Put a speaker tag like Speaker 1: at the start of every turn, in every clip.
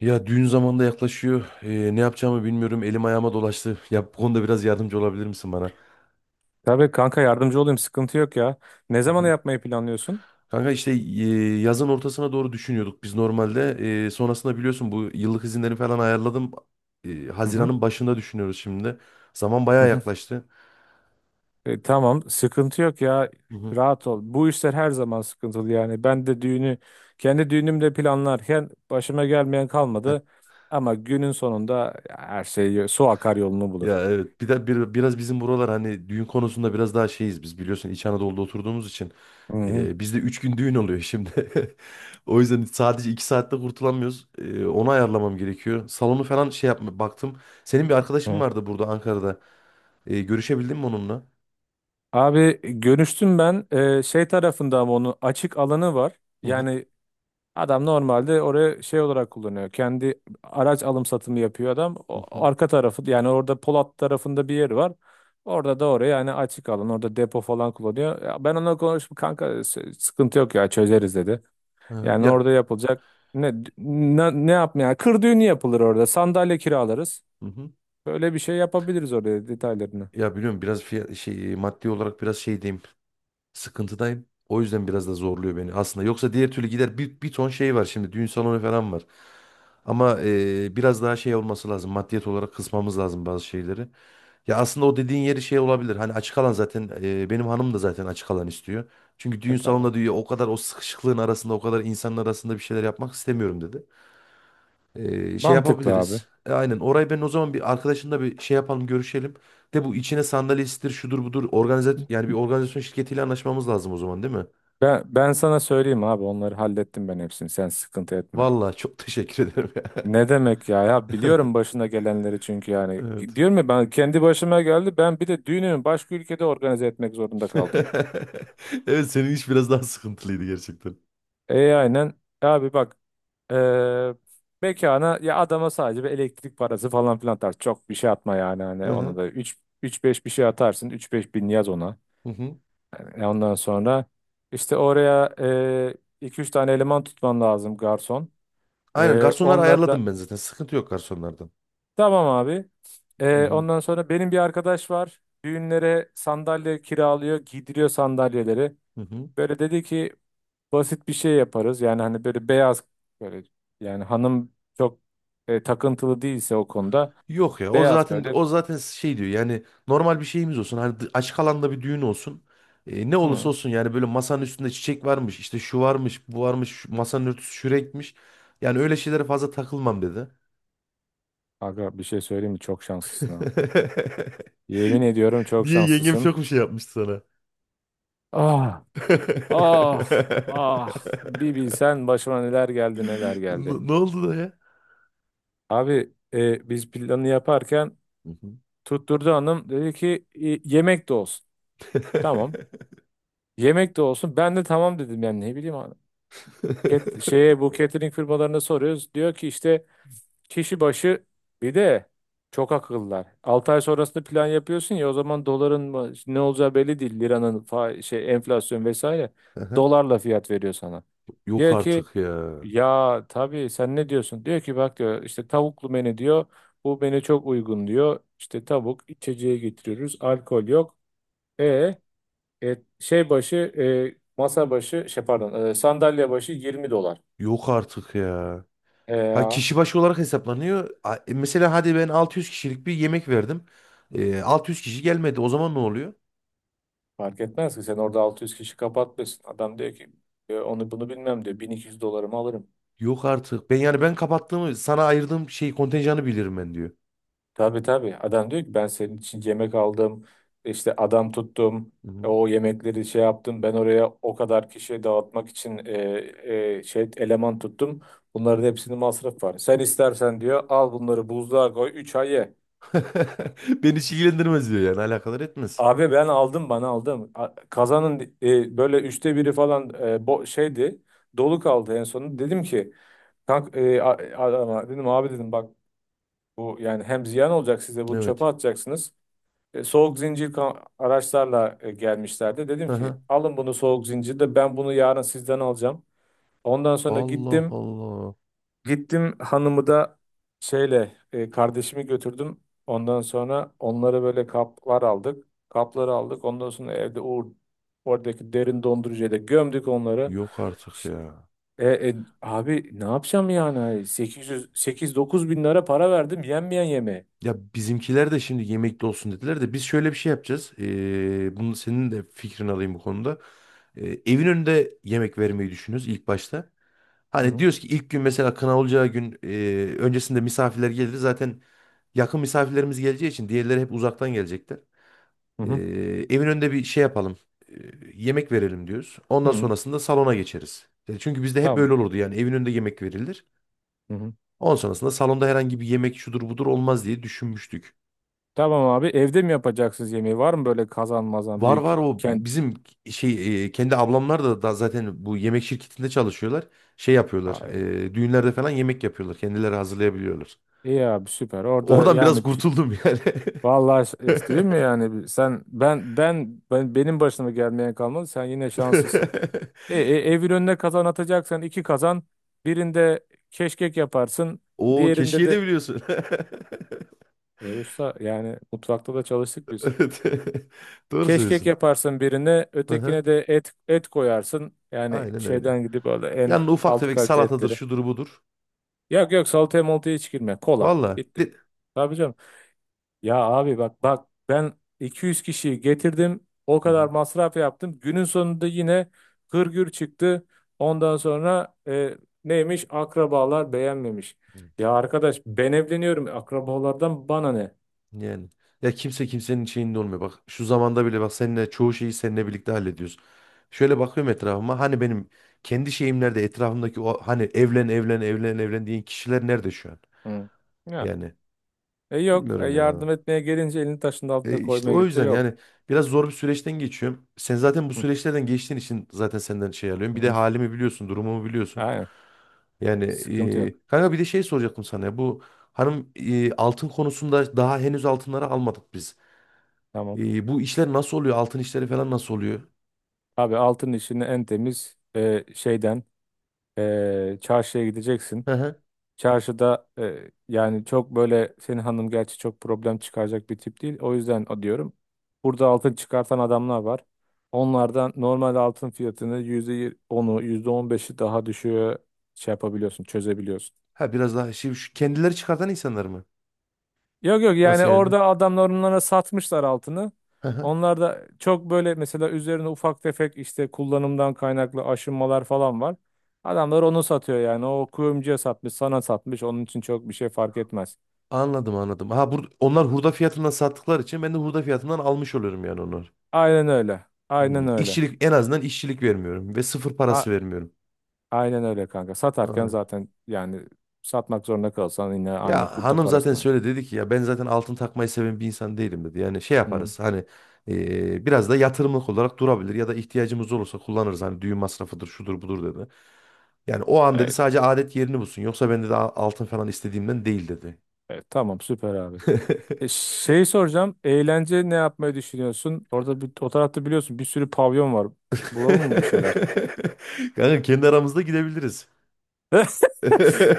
Speaker 1: Ya düğün zamanında yaklaşıyor. Ne yapacağımı bilmiyorum. Elim ayağıma dolaştı. Ya bu konuda biraz yardımcı olabilir misin bana?
Speaker 2: Tabii kanka yardımcı olayım, sıkıntı yok ya. Ne
Speaker 1: Hı
Speaker 2: zaman
Speaker 1: hı.
Speaker 2: yapmayı planlıyorsun?
Speaker 1: Kanka işte yazın ortasına doğru düşünüyorduk biz normalde. Sonrasında biliyorsun bu yıllık izinleri falan ayarladım.
Speaker 2: Hı hı.
Speaker 1: Haziran'ın başında düşünüyoruz şimdi. Zaman
Speaker 2: Hı
Speaker 1: bayağı
Speaker 2: hı.
Speaker 1: yaklaştı.
Speaker 2: E, tamam sıkıntı yok ya.
Speaker 1: Hı hı.
Speaker 2: Rahat ol. Bu işler her zaman sıkıntılı yani. Ben de düğünü kendi düğünümde planlarken başıma gelmeyen kalmadı. Ama günün sonunda her şey su akar yolunu bulur.
Speaker 1: Ya evet bir de biraz bizim buralar hani düğün konusunda biraz daha şeyiz biz, biliyorsun, İç Anadolu'da oturduğumuz için
Speaker 2: Hı hı.
Speaker 1: bizde 3 gün düğün oluyor şimdi. O yüzden sadece 2 saatte kurtulamıyoruz. Onu ayarlamam gerekiyor. Salonu falan şey yapma baktım. Senin bir arkadaşın
Speaker 2: Hı.
Speaker 1: vardı burada Ankara'da. Görüşebildin mi onunla?
Speaker 2: Abi görüştüm ben. Şey tarafında ama onun açık alanı var.
Speaker 1: Hı hı.
Speaker 2: Yani. Adam normalde oraya şey olarak kullanıyor. Kendi araç alım satımı yapıyor adam.
Speaker 1: Hı
Speaker 2: O
Speaker 1: hı.
Speaker 2: arka tarafı yani, orada Polat tarafında bir yeri var. Orada da oraya yani açık alan, orada depo falan kullanıyor. Ya ben onunla konuştum kanka, sıkıntı yok ya, çözeriz dedi.
Speaker 1: Ha,
Speaker 2: Yani
Speaker 1: ya,
Speaker 2: orada yapılacak ne yapmaya yani, kır düğünü yapılır orada, sandalye kiralarız.
Speaker 1: hı hı.
Speaker 2: Böyle bir şey yapabiliriz oraya, detaylarını.
Speaker 1: Ya biliyorum, biraz fiyat, şey, maddi olarak biraz şey, sıkıntıdayım. O yüzden biraz da zorluyor beni aslında. Yoksa diğer türlü gider, bir ton şey var şimdi. Düğün salonu falan var. Ama biraz daha şey olması lazım. Maddiyet olarak kısmamız lazım bazı şeyleri. Ya aslında o dediğin yeri şey olabilir. Hani açık alan zaten, benim hanım da zaten açık alan istiyor. Çünkü düğün
Speaker 2: E tamam.
Speaker 1: salonunda diyor, o kadar o sıkışıklığın arasında, o kadar insanın arasında bir şeyler yapmak istemiyorum dedi. Şey
Speaker 2: Mantıklı abi.
Speaker 1: yapabiliriz. Aynen orayı ben o zaman bir arkadaşımla bir şey yapalım, görüşelim. De bu içine sandalyesidir şudur budur organize, yani bir organizasyon şirketiyle anlaşmamız lazım o zaman, değil mi?
Speaker 2: Ben sana söyleyeyim abi, onları hallettim ben hepsini, sen sıkıntı etme.
Speaker 1: Vallahi çok teşekkür ederim ya.
Speaker 2: Ne demek ya? Ya biliyorum başına gelenleri, çünkü yani.
Speaker 1: Evet.
Speaker 2: Diyorum ya, ben kendi başıma geldi. Ben bir de düğünümü başka ülkede organize etmek zorunda kaldım.
Speaker 1: Evet, senin iş biraz daha sıkıntılıydı gerçekten.
Speaker 2: E aynen. Abi bak, eee mekana ya adama sadece bir elektrik parası falan filan atar. Çok bir şey atma yani,
Speaker 1: Hı
Speaker 2: hani ona
Speaker 1: hı.
Speaker 2: da üç beş bir şey atarsın. Üç beş bin yaz ona.
Speaker 1: Hı hı.
Speaker 2: Yani ondan sonra işte oraya 2-3 tane eleman tutman lazım, garson.
Speaker 1: Aynen, garsonları
Speaker 2: Onları da
Speaker 1: ayarladım ben zaten. Sıkıntı yok garsonlardan.
Speaker 2: tamam abi.
Speaker 1: Hı hı.
Speaker 2: Ondan sonra benim bir arkadaş var. Düğünlere sandalye kiralıyor, giydiriyor sandalyeleri.
Speaker 1: Hı hı.
Speaker 2: Böyle dedi ki basit bir şey yaparız. Yani hani böyle beyaz, böyle, yani hanım çok takıntılı değilse o konuda,
Speaker 1: Yok ya, o
Speaker 2: beyaz
Speaker 1: zaten
Speaker 2: böyle.
Speaker 1: o zaten şey diyor, yani normal bir şeyimiz olsun, hani açık alanda bir düğün olsun. Ne olursa
Speaker 2: Hı.
Speaker 1: olsun, yani böyle masanın üstünde çiçek varmış, işte şu varmış, bu varmış, masanın örtüsü şu renkmiş, yani öyle şeylere fazla takılmam dedi.
Speaker 2: Aga bir şey söyleyeyim mi? Çok şanslısın ha. Yemin ediyorum çok
Speaker 1: Niye, yengem
Speaker 2: şanslısın.
Speaker 1: çok bir şey yapmıştı sana?
Speaker 2: Ah, ah, ah. Bir bilsen başıma neler geldi neler geldi.
Speaker 1: Ne oldu da ya?
Speaker 2: Abi biz planı yaparken
Speaker 1: Hı hı.
Speaker 2: tutturdu hanım. Dedi ki "E, yemek de olsun. Tamam. Yemek de olsun." Ben de tamam dedim, yani ne bileyim hanım. Şeye, bu catering firmalarına soruyoruz. Diyor ki işte kişi başı, bir de çok akıllılar. 6 ay sonrasında plan yapıyorsun ya, o zaman doların ne olacağı belli değil. Liranın şey, enflasyon vesaire.
Speaker 1: Aha.
Speaker 2: Dolarla fiyat veriyor sana.
Speaker 1: Yok
Speaker 2: Diyor ki
Speaker 1: artık ya.
Speaker 2: ya tabii sen ne diyorsun? Diyor ki bak diyor, işte tavuklu menü diyor. Bu menü çok uygun diyor. İşte tavuk, içeceği getiriyoruz, alkol yok. E, e, şey başı masa başı şey, pardon, sandalye başı 20 dolar.
Speaker 1: Yok artık ya.
Speaker 2: E
Speaker 1: Ha,
Speaker 2: ya,
Speaker 1: kişi başı olarak hesaplanıyor. Mesela hadi ben 600 kişilik bir yemek verdim. 600 kişi gelmedi. O zaman ne oluyor?
Speaker 2: fark etmez ki sen orada 600 kişi kapatmışsın. Adam diyor ki onu bunu bilmem diyor, 1.200 dolarımı alırım.
Speaker 1: Yok artık. Ben yani ben kapattığımı, sana ayırdığım şey kontenjanı bilirim ben, diyor.
Speaker 2: Tabii tabii, adam diyor ki ben senin için yemek aldım, işte adam tuttum,
Speaker 1: Hı hı.
Speaker 2: o yemekleri şey yaptım, ben oraya o kadar kişiye dağıtmak için şey eleman tuttum. Bunların hepsinin masraf var. Sen istersen diyor al bunları buzluğa koy 3 ay ye.
Speaker 1: Beni hiç ilgilendirmez diyor, yani alakadar etmez.
Speaker 2: Abi ben aldım, bana aldım. Kazanın böyle üçte biri falan bo şeydi. Dolu kaldı en sonunda. Dedim ki adama dedim, abi dedim bak, bu yani hem ziyan olacak, size bunu çöpe
Speaker 1: Evet.
Speaker 2: atacaksınız. Soğuk zincir araçlarla gelmişlerdi. Dedim ki
Speaker 1: Aha.
Speaker 2: alın bunu, soğuk zincirde ben bunu yarın sizden alacağım. Ondan sonra
Speaker 1: Allah
Speaker 2: gittim.
Speaker 1: Allah.
Speaker 2: Hanımı da şeyle, kardeşimi götürdüm. Ondan sonra onlara böyle kaplar aldık. Kapları aldık. Ondan sonra evde o oradaki derin dondurucuya da gömdük onları.
Speaker 1: Yok artık
Speaker 2: Ş-
Speaker 1: ya.
Speaker 2: Abi ne yapacağım yani? 800 8-9 bin lira para verdim yenmeyen yemeği.
Speaker 1: Ya bizimkiler de şimdi yemekli olsun dediler de biz şöyle bir şey yapacağız. Bunu senin de fikrini alayım bu konuda. Evin önünde yemek vermeyi düşünüyoruz ilk başta.
Speaker 2: Hı
Speaker 1: Hani
Speaker 2: hı,
Speaker 1: diyoruz ki, ilk gün mesela kına olacağı gün öncesinde misafirler gelir. Zaten yakın misafirlerimiz geleceği için, diğerleri hep uzaktan gelecekler.
Speaker 2: hı
Speaker 1: Ee,
Speaker 2: hı,
Speaker 1: Evin önünde bir şey yapalım. Ee, Yemek verelim diyoruz. Ondan
Speaker 2: hı.
Speaker 1: sonrasında salona geçeriz. Yani çünkü bizde hep
Speaker 2: Tamam.
Speaker 1: böyle olurdu, yani evin önünde yemek verilir.
Speaker 2: Hı hı.
Speaker 1: Ondan sonrasında salonda herhangi bir yemek şudur budur olmaz diye düşünmüştük.
Speaker 2: Tamam abi, evde mi yapacaksınız yemeği? Var mı böyle kazanmazan
Speaker 1: Var
Speaker 2: büyük
Speaker 1: var, o
Speaker 2: kent?
Speaker 1: bizim şey, kendi ablamlar da zaten bu yemek şirketinde çalışıyorlar. Şey yapıyorlar.
Speaker 2: Ay,
Speaker 1: Düğünlerde falan yemek yapıyorlar. Kendileri hazırlayabiliyorlar.
Speaker 2: iyi abi süper. Orada
Speaker 1: Oradan biraz
Speaker 2: yani,
Speaker 1: kurtuldum yani.
Speaker 2: vallahi işte değil mi yani, sen benim başıma gelmeyen kalmadı, sen yine şanslısın. E, e, Evin önüne kazan atacaksan iki kazan, birinde keşkek yaparsın,
Speaker 1: Oo,
Speaker 2: diğerinde
Speaker 1: keşke
Speaker 2: de
Speaker 1: de biliyorsun.
Speaker 2: usta yani, mutfakta da çalıştık biz.
Speaker 1: Evet. Doğru
Speaker 2: Keşkek
Speaker 1: söylüyorsun.
Speaker 2: yaparsın birine,
Speaker 1: Hı-hı.
Speaker 2: ötekine de et koyarsın yani,
Speaker 1: Aynen öyle.
Speaker 2: şeyden gidip öyle en
Speaker 1: Yani ufak
Speaker 2: alt
Speaker 1: tefek
Speaker 2: kalite
Speaker 1: salatadır,
Speaker 2: etleri.
Speaker 1: şudur budur.
Speaker 2: Yok yok, salataya moltaya hiç girme, kola
Speaker 1: Valla.
Speaker 2: bitti.
Speaker 1: De...
Speaker 2: Tabii canım. Ya abi bak bak, ben 200 kişiyi getirdim. O
Speaker 1: Hı
Speaker 2: kadar masraf yaptım. Günün sonunda yine hırgür çıktı. Ondan sonra neymiş? Akrabalar beğenmemiş.
Speaker 1: hı.
Speaker 2: Ya arkadaş, ben evleniyorum. Akrabalardan bana ne?
Speaker 1: Yani ya, kimse kimsenin şeyinde olmuyor. Bak, şu zamanda bile bak, seninle çoğu şeyi seninle birlikte hallediyoruz. Şöyle bakıyorum etrafıma, hani benim kendi şeyimlerde, etrafımdaki o hani evlen evlen evlen evlen diyen kişiler nerede şu an?
Speaker 2: Hı. Ya.
Speaker 1: Yani
Speaker 2: E yok.
Speaker 1: bilmiyorum ya.
Speaker 2: Yardım etmeye gelince, elini taşın
Speaker 1: E
Speaker 2: altına
Speaker 1: işte
Speaker 2: koymaya
Speaker 1: o
Speaker 2: gidince
Speaker 1: yüzden
Speaker 2: yok.
Speaker 1: yani biraz zor bir süreçten geçiyorum. Sen zaten bu
Speaker 2: Hı.
Speaker 1: süreçlerden geçtiğin için zaten senden şey alıyorum. Bir de
Speaker 2: Hı.
Speaker 1: halimi biliyorsun, durumumu biliyorsun.
Speaker 2: Aynen.
Speaker 1: Yani
Speaker 2: Sıkıntı yok.
Speaker 1: kanka bir de şey soracaktım sana ya. Bu hanım, altın konusunda daha henüz altınları almadık biz.
Speaker 2: Tamam.
Speaker 1: Bu işler nasıl oluyor? Altın işleri falan nasıl oluyor?
Speaker 2: Abi altın işini en temiz şeyden, çarşıya gideceksin.
Speaker 1: Hı hı.
Speaker 2: Çarşıda yani, çok böyle senin hanım gerçi çok problem çıkaracak bir tip değil. O yüzden o diyorum. Burada altın çıkartan adamlar var. Onlardan normal altın fiyatını %10'u, %15'i daha düşüğe şey yapabiliyorsun, çözebiliyorsun.
Speaker 1: Ha, biraz daha şey, şu kendileri çıkartan insanlar mı?
Speaker 2: Yok yok, yani
Speaker 1: Nasıl yani?
Speaker 2: orada adamlar onlara satmışlar altını.
Speaker 1: Hı hı.
Speaker 2: Onlar da çok böyle mesela, üzerine ufak tefek işte kullanımdan kaynaklı aşınmalar falan var. Adamlar onu satıyor yani. O kuyumcuya satmış, sana satmış. Onun için çok bir şey fark etmez.
Speaker 1: Anladım anladım. Ha, bur onlar hurda fiyatından sattıkları için ben de hurda fiyatından almış oluyorum yani onlar.
Speaker 2: Aynen öyle.
Speaker 1: Hmm.
Speaker 2: Aynen öyle.
Speaker 1: İşçilik, en azından işçilik vermiyorum ve sıfır
Speaker 2: A
Speaker 1: parası vermiyorum.
Speaker 2: aynen öyle kanka. Satarken
Speaker 1: Aa.
Speaker 2: zaten yani, satmak zorunda kalsan yine aynı
Speaker 1: Ya
Speaker 2: kurda
Speaker 1: hanım zaten
Speaker 2: parasını al.
Speaker 1: söyle dedi ki, ya ben zaten altın takmayı seven bir insan değilim dedi. Yani şey
Speaker 2: Hı.
Speaker 1: yaparız hani, biraz da yatırımlık olarak durabilir ya da ihtiyacımız olursa kullanırız. Hani düğün masrafıdır şudur budur dedi. Yani o an dedi,
Speaker 2: Evet,
Speaker 1: sadece adet yerini bulsun. Yoksa ben dedi, altın falan istediğimden değil" dedi.
Speaker 2: evet. Tamam süper abi. Şey soracağım. Eğlence ne yapmayı düşünüyorsun? Orada bir, o tarafta biliyorsun bir sürü pavyon var. Bulalım mı bir şeyler?
Speaker 1: Kanka kendi aramızda gidebiliriz.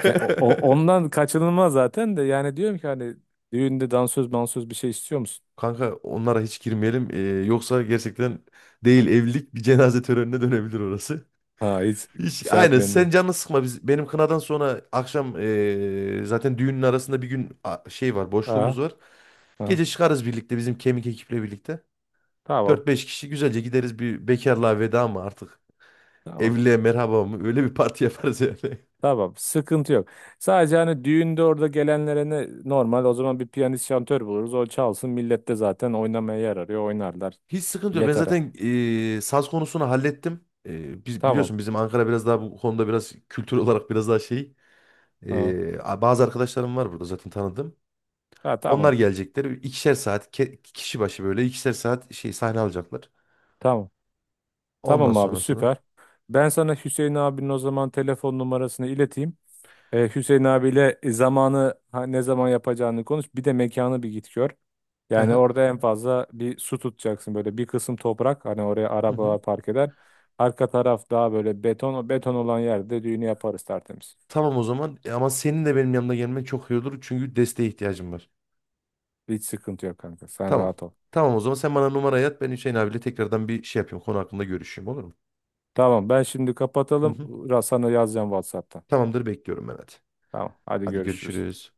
Speaker 2: Ondan kaçınılmaz zaten de, yani diyorum ki hani, düğünde dansöz mansöz bir şey istiyor musun?
Speaker 1: Kanka onlara hiç girmeyelim. Yoksa gerçekten, değil evlilik, bir cenaze törenine dönebilir orası.
Speaker 2: Ha, hiç
Speaker 1: Hiç,
Speaker 2: şey
Speaker 1: aynen,
Speaker 2: yapmayayım diye.
Speaker 1: sen canını sıkma, biz benim kınadan sonra akşam, zaten düğünün arasında bir gün şey var, boşluğumuz
Speaker 2: Ha,
Speaker 1: var.
Speaker 2: ha.
Speaker 1: Gece çıkarız birlikte, bizim kemik ekiple birlikte.
Speaker 2: Tamam.
Speaker 1: Dört beş kişi güzelce gideriz, bir bekarlığa veda mı artık,
Speaker 2: Tamam.
Speaker 1: evliliğe merhaba mı, öyle bir parti yaparız yani.
Speaker 2: Tamam, sıkıntı yok. Sadece hani düğünde orada gelenlere ne normal, o zaman bir piyanist şantör buluruz. O çalsın, millet de zaten oynamaya yer arıyor, oynarlar.
Speaker 1: Hiç sıkıntı yok, ben
Speaker 2: Yetere.
Speaker 1: zaten saz konusunu hallettim. Biz
Speaker 2: Tamam.
Speaker 1: biliyorsun, bizim Ankara biraz daha bu konuda biraz kültür olarak biraz daha şey.
Speaker 2: Ha.
Speaker 1: Bazı arkadaşlarım var burada zaten, tanıdım.
Speaker 2: Ha, tamam.
Speaker 1: Onlar gelecekler. 2'şer saat kişi başı, böyle 2'şer saat şey sahne alacaklar.
Speaker 2: Tamam.
Speaker 1: Ondan
Speaker 2: Tamam abi
Speaker 1: sonrasını.
Speaker 2: süper. Ben sana Hüseyin abinin o zaman telefon numarasını ileteyim. Hüseyin abiyle zamanı, ha, ne zaman yapacağını konuş. Bir de mekanı bir git gör.
Speaker 1: Hı
Speaker 2: Yani
Speaker 1: hı.
Speaker 2: orada en fazla bir su tutacaksın, böyle bir kısım toprak hani oraya
Speaker 1: Hı hı.
Speaker 2: arabalar park eder. Arka taraf daha böyle beton. O beton olan yerde düğünü yaparız tertemiz.
Speaker 1: Tamam o zaman. Ama senin de benim yanımda gelmen çok iyi olur çünkü desteğe ihtiyacım var.
Speaker 2: Hiç sıkıntı yok kanka. Sen
Speaker 1: Tamam.
Speaker 2: rahat ol.
Speaker 1: Tamam o zaman, sen bana numarayı at, ben Hüseyin abiyle tekrardan bir şey yapayım, konu hakkında görüşeyim, olur mu?
Speaker 2: Tamam ben şimdi
Speaker 1: Hı
Speaker 2: kapatalım.
Speaker 1: hı.
Speaker 2: Sana yazacağım WhatsApp'tan.
Speaker 1: Tamamdır, bekliyorum ben, hadi.
Speaker 2: Tamam hadi
Speaker 1: Hadi
Speaker 2: görüşürüz.
Speaker 1: görüşürüz.